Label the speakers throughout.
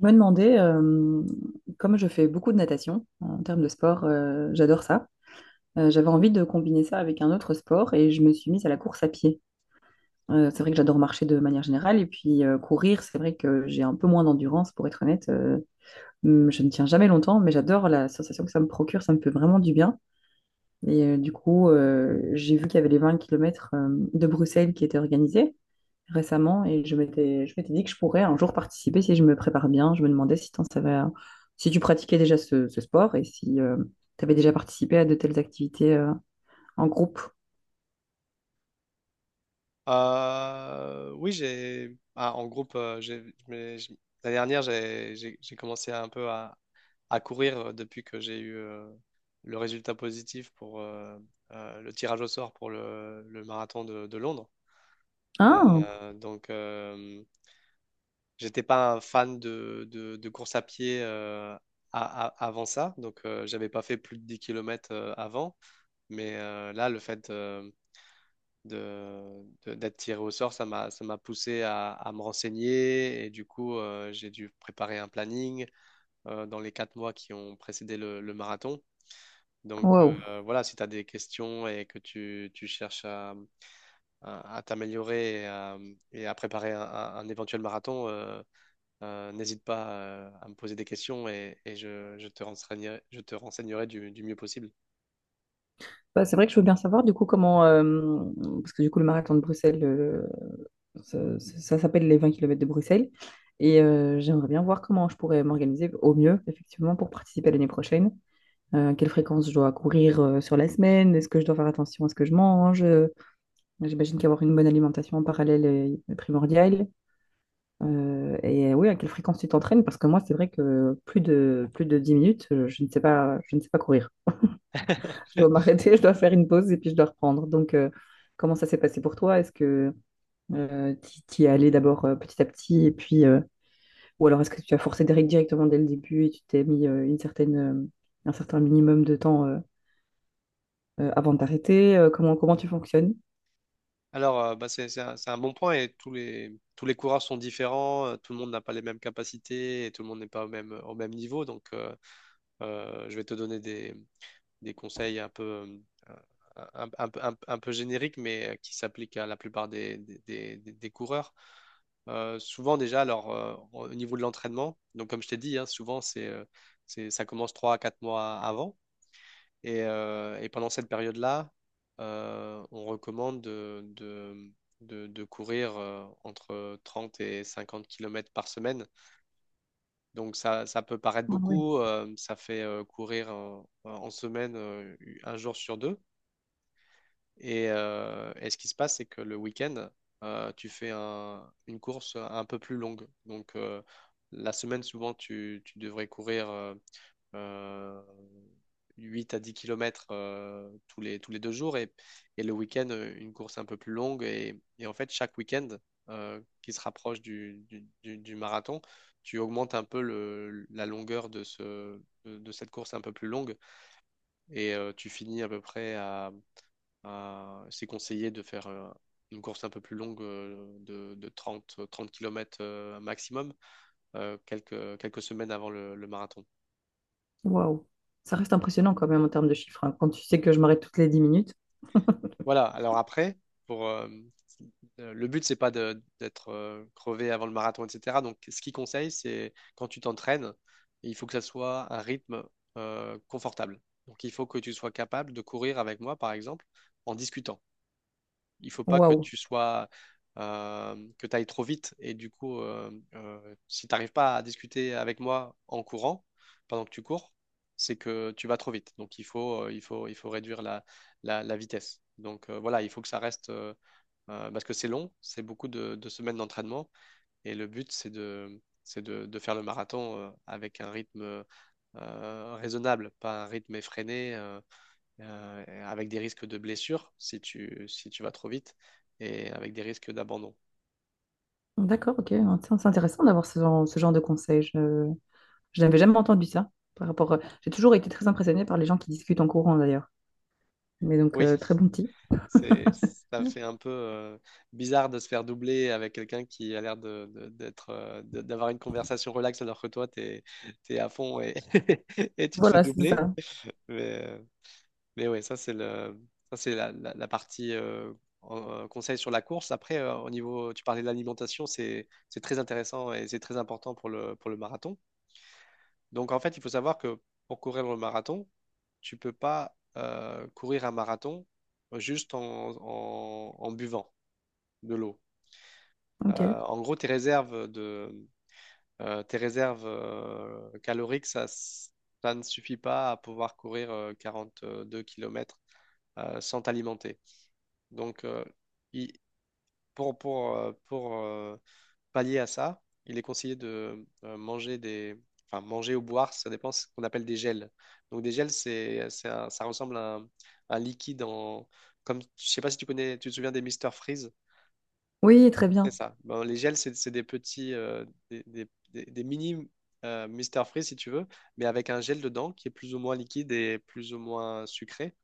Speaker 1: Je me demandais, comme je fais beaucoup de natation en termes de sport, j'adore ça. J'avais envie de combiner ça avec un autre sport et je me suis mise à la course à pied. C'est vrai que j'adore marcher de manière générale et puis courir, c'est vrai que j'ai un peu moins d'endurance pour être honnête. Je ne tiens jamais longtemps, mais j'adore la sensation que ça me procure, ça me fait vraiment du bien. Et du coup, j'ai vu qu'il y avait les 20 km de Bruxelles qui étaient organisés récemment et je m'étais dit que je pourrais un jour participer si je me prépare bien. Je me demandais si, t'en savais, si tu pratiquais déjà ce sport et si tu avais déjà participé à de telles activités en groupe.
Speaker 2: Oui, j'ai ah, en groupe. Je- la dernière, j'ai commencé un peu à courir depuis que j'ai eu le résultat positif pour le tirage au sort pour le marathon de Londres.
Speaker 1: Ah,
Speaker 2: Donc, j'étais pas un fan de course à pied avant ça, donc j'avais pas fait plus de 10 kilomètres avant, mais là, le fait d'être tiré au sort, ça m'a poussé à me renseigner et du coup, j'ai dû préparer un planning dans les quatre mois qui ont précédé le marathon. Donc
Speaker 1: wow.
Speaker 2: voilà, si tu as des questions et que tu cherches à t'améliorer et à préparer un éventuel marathon, n'hésite pas à me poser des questions et je te renseignerai, du mieux possible.
Speaker 1: Bah, c'est vrai que je veux bien savoir du coup comment, parce que du coup le marathon de Bruxelles, ça, ça s'appelle les 20 km de Bruxelles. Et j'aimerais bien voir comment je pourrais m'organiser au mieux, effectivement, pour participer l'année prochaine. Quelle fréquence je dois courir sur la semaine? Est-ce que je dois faire attention à ce que je mange? J'imagine qu'avoir une bonne alimentation en parallèle est primordial. Et oui, à quelle fréquence tu t'entraînes? Parce que moi, c'est vrai que plus de 10 minutes, je ne sais pas, je ne sais pas courir. Je dois m'arrêter, je dois faire une pause et puis je dois reprendre. Donc, comment ça s'est passé pour toi? Est-ce que euh, tu y es allé d'abord petit à petit et puis, ou alors est-ce que tu as forcé des règles directement dès le début et tu t'es mis une certaine, un certain minimum de temps avant de t'arrêter? Comment, comment tu fonctionnes?
Speaker 2: Alors, bah, c'est un bon point et tous les coureurs sont différents, tout le monde n'a pas les mêmes capacités et tout le monde n'est pas au même niveau. Donc, je vais te donner des conseils un peu, euh, un peu génériques, mais qui s'appliquent à la plupart des coureurs. Souvent, déjà, alors, au niveau de l'entraînement, donc comme je t'ai dit, hein, souvent, ça commence 3 à 4 mois avant. Et pendant cette période-là, on recommande de courir entre 30 et 50 kilomètres par semaine. Donc ça peut paraître beaucoup, ça fait courir en semaine un jour sur deux. Et ce qui se passe, c'est que le week-end, tu fais une course un peu plus longue. Donc la semaine, souvent, tu devrais courir euh, 8 à 10 kilomètres tous les deux jours et le week-end, une course un peu plus longue. Et en fait, chaque week-end qui se rapproche du marathon, tu augmentes un peu la longueur de cette course un peu plus longue et tu finis à peu près C'est conseillé de faire une course un peu plus longue de trente kilomètres maximum quelques semaines avant le marathon.
Speaker 1: Waouh. Ça reste impressionnant quand même en termes de chiffres, hein. Quand tu sais que je m'arrête toutes les 10 minutes.
Speaker 2: Voilà, alors après, pour, euh, le but, c'est pas d'être crevé avant le marathon, etc. Donc, ce qu'il conseille, c'est quand tu t'entraînes, il faut que ça soit un rythme confortable. Donc, il faut que tu sois capable de courir avec moi, par exemple, en discutant. Il faut pas que
Speaker 1: Waouh.
Speaker 2: tu sois que tu ailles trop vite. Et du coup, si tu n'arrives pas à discuter avec moi en courant, pendant que tu cours, c'est que tu vas trop vite. Donc il faut réduire la vitesse. Donc voilà, il faut que ça reste, parce que c'est long, c'est beaucoup de semaines d'entraînement, et le but, c'est de faire le marathon avec un rythme raisonnable, pas un rythme effréné. Avec des risques de blessure si tu vas trop vite et avec des risques d'abandon.
Speaker 1: D'accord, ok. Tiens, c'est intéressant d'avoir ce genre de conseils. Je n'avais jamais entendu ça. Par rapport, à- j'ai toujours été très impressionnée par les gens qui discutent en courant d'ailleurs. Mais donc,
Speaker 2: Oui,
Speaker 1: très bon petit.
Speaker 2: c'est, ça fait un peu bizarre de se faire doubler avec quelqu'un qui a l'air d'avoir une conversation relaxe alors que toi, t'es à fond et, et tu te fais
Speaker 1: Voilà, c'est
Speaker 2: doubler.
Speaker 1: ça.
Speaker 2: Mais, euh, mais ouais, ça, c'est la partie conseil sur la course. Après, au niveau, tu parlais de l'alimentation, c'est très intéressant et c'est très important pour le marathon. Donc en fait, il faut savoir que pour courir le marathon, tu peux pas courir un marathon juste en buvant de l'eau.
Speaker 1: Ok.
Speaker 2: Euh, En gros, tes réserves caloriques, ça ne suffit pas à pouvoir courir 42 kilomètres sans t'alimenter. Donc il- pour pallier à ça, il est conseillé de manger enfin manger ou boire, ça dépend ce qu'on appelle des gels. Donc des gels, ça ressemble à un liquide comme, je sais pas si tu connais, tu te souviens des Mister Freeze?
Speaker 1: Oui, très
Speaker 2: C'est
Speaker 1: bien.
Speaker 2: ça. Bon, les gels, c'est des petits, des mini Mr Freeze si tu veux, mais avec un gel dedans qui est plus ou moins liquide et plus ou moins sucré.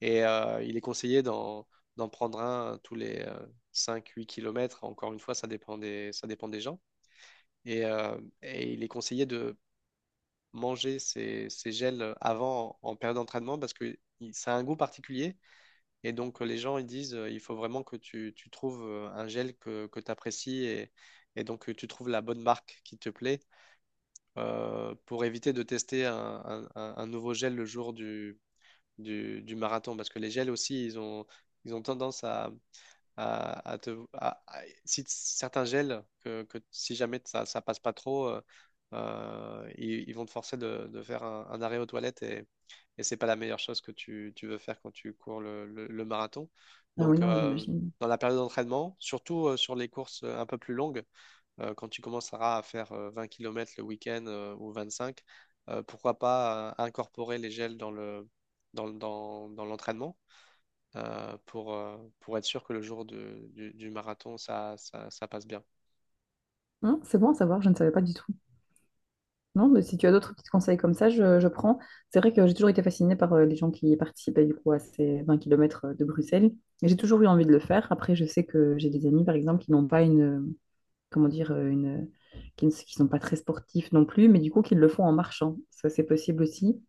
Speaker 2: Et il est conseillé d'en prendre un tous les cinq, huit kilomètres. Encore une fois, ça dépend des gens. Et il est conseillé de manger ces gels avant période d'entraînement parce que ça a un goût particulier. Et donc, les gens, ils disent, il faut vraiment que tu trouves un gel que tu apprécies et donc que tu trouves la bonne marque qui te plaît pour éviter de tester un nouveau gel le jour du marathon. Parce que les gels aussi, ils ont tendance à- si t- certains gels que si jamais ça passe pas trop, ils vont te forcer de faire un arrêt aux toilettes et c'est pas la meilleure chose que tu veux faire quand tu cours le marathon.
Speaker 1: Ah oui,
Speaker 2: Donc,
Speaker 1: non, j'imagine.
Speaker 2: dans la période d'entraînement, surtout sur les courses un peu plus longues, quand tu commenceras à faire 20 km le week-end ou 25, pourquoi pas incorporer les gels dans le, dans, dans dans l'entraînement pour être sûr que le jour du marathon, ça passe bien.
Speaker 1: C'est bon à savoir, je ne savais pas du tout. Non, mais si tu as d'autres petits conseils comme ça, je prends. C'est vrai que j'ai toujours été fascinée par les gens qui participaient du coup à ces 20 kilomètres de Bruxelles. Et j'ai toujours eu envie de le faire. Après, je sais que j'ai des amis, par exemple, qui n'ont pas une, comment dire, une, qui sont pas très sportifs non plus, mais du coup, qui le font en marchant. Ça, c'est possible aussi,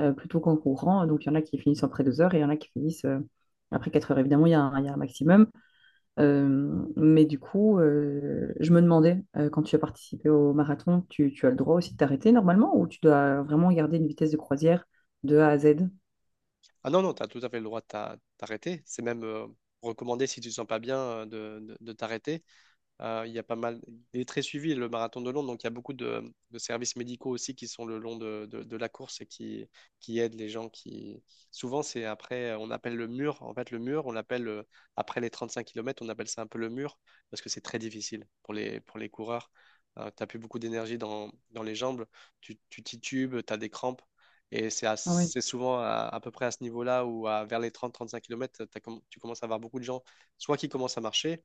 Speaker 1: plutôt qu'en courant. Donc, il y en a qui finissent après 2 heures et il y en a qui finissent après 4 heures. Évidemment, il y a un maximum. Mais du coup, je me demandais, quand tu as participé au marathon, tu as le droit aussi de t'arrêter normalement ou tu dois vraiment garder une vitesse de croisière de A à Z?
Speaker 2: Ah non, non, tu as tout à fait le droit de t'arrêter. C'est même recommandé si tu ne te sens pas bien de t'arrêter. Il y a pas mal, Il est très suivi le marathon de Londres, donc il y a beaucoup de services médicaux aussi qui sont le long de la course et qui aident les gens qui. Souvent, c'est après, on appelle le mur, en fait, le mur, on l'appelle après les 35 km, on appelle ça un peu le mur parce que c'est très difficile pour les coureurs. Tu n'as plus beaucoup d'énergie dans les jambes, tu titubes, tu as des crampes et
Speaker 1: Ah oui,
Speaker 2: c'est souvent à peu près à ce niveau-là vers les 30-35 km, tu commences à avoir beaucoup de gens soit qui commencent à marcher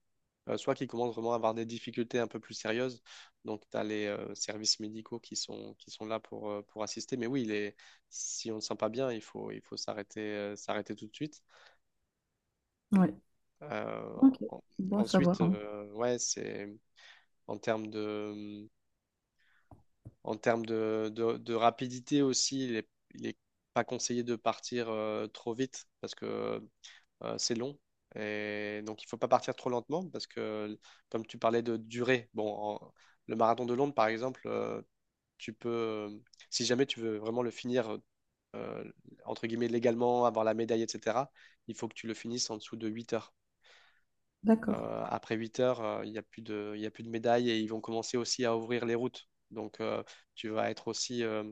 Speaker 2: soit qui commencent vraiment à avoir des difficultés un peu plus sérieuses. Donc, tu as les services médicaux qui sont là pour assister. Mais oui, si on ne se sent pas bien, il faut s'arrêter tout de suite.
Speaker 1: ouais.
Speaker 2: Euh,
Speaker 1: Ok.
Speaker 2: en-
Speaker 1: Bon à
Speaker 2: Ensuite,
Speaker 1: savoir, hein.
Speaker 2: ouais, c'est en termes de, en termes de rapidité aussi, il est pas conseillé de partir trop vite parce que c'est long. Et donc, il faut pas partir trop lentement parce que, comme tu parlais de durée, bon, le marathon de Londres, par exemple, tu peux, euh, si jamais tu veux vraiment le finir, euh, entre guillemets, légalement, avoir la médaille, etc., il faut que tu le finisses en dessous de 8 heures.
Speaker 1: D'accord.
Speaker 2: Après 8 heures, il y a plus de médaille et ils vont commencer aussi à ouvrir les routes. Donc, tu vas être aussi,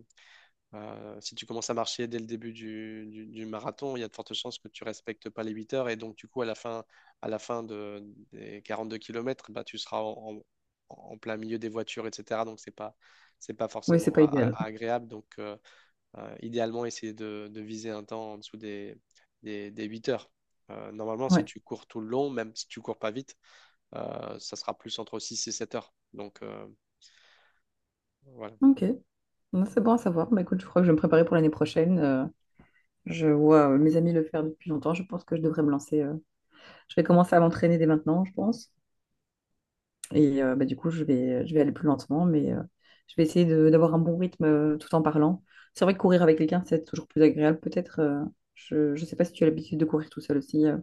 Speaker 2: si tu commences à marcher dès le début du marathon, il y a de fortes chances que tu respectes pas les 8 heures et donc du coup à la fin, à la fin de, des 42 km, bah, tu seras en plein milieu des voitures, etc. Donc c'est pas
Speaker 1: Oui, c'est
Speaker 2: forcément
Speaker 1: pas idéal.
Speaker 2: agréable. Donc idéalement essayer de viser un temps en dessous des 8 heures. Normalement, si
Speaker 1: Ouais.
Speaker 2: tu cours tout le long, même si tu cours pas vite, ça sera plus entre 6 et 7 heures. Donc voilà.
Speaker 1: Ok. Non, c'est bon à savoir. Bah, écoute, je crois que je vais me préparer pour l'année prochaine. Je vois mes amis le faire depuis longtemps. Je pense que je devrais me lancer. Je vais commencer à m'entraîner dès maintenant, je pense. Et bah, du coup, je vais aller plus lentement, mais je vais essayer de- d'avoir un bon rythme tout en parlant. C'est vrai que courir avec quelqu'un, c'est toujours plus agréable, peut-être. Je ne sais pas si tu as l'habitude de courir tout seul aussi,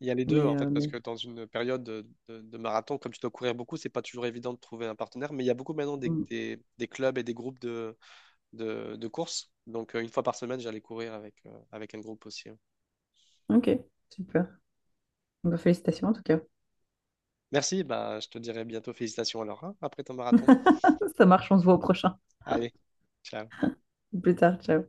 Speaker 2: Il y a les deux, en fait, parce
Speaker 1: mais-
Speaker 2: que dans une période de marathon, comme tu dois courir beaucoup, c'est pas toujours évident de trouver un partenaire, mais il y a beaucoup maintenant des,
Speaker 1: Mm.
Speaker 2: des- des clubs et des groupes de courses. Donc, une fois par semaine, j'allais courir avec un groupe aussi.
Speaker 1: Ok, super. Bah, félicitations en tout cas.
Speaker 2: Merci, bah, je te dirai bientôt félicitations alors, hein, après ton marathon.
Speaker 1: Ça marche, on se voit au prochain.
Speaker 2: Allez, ciao.
Speaker 1: Plus tard, ciao.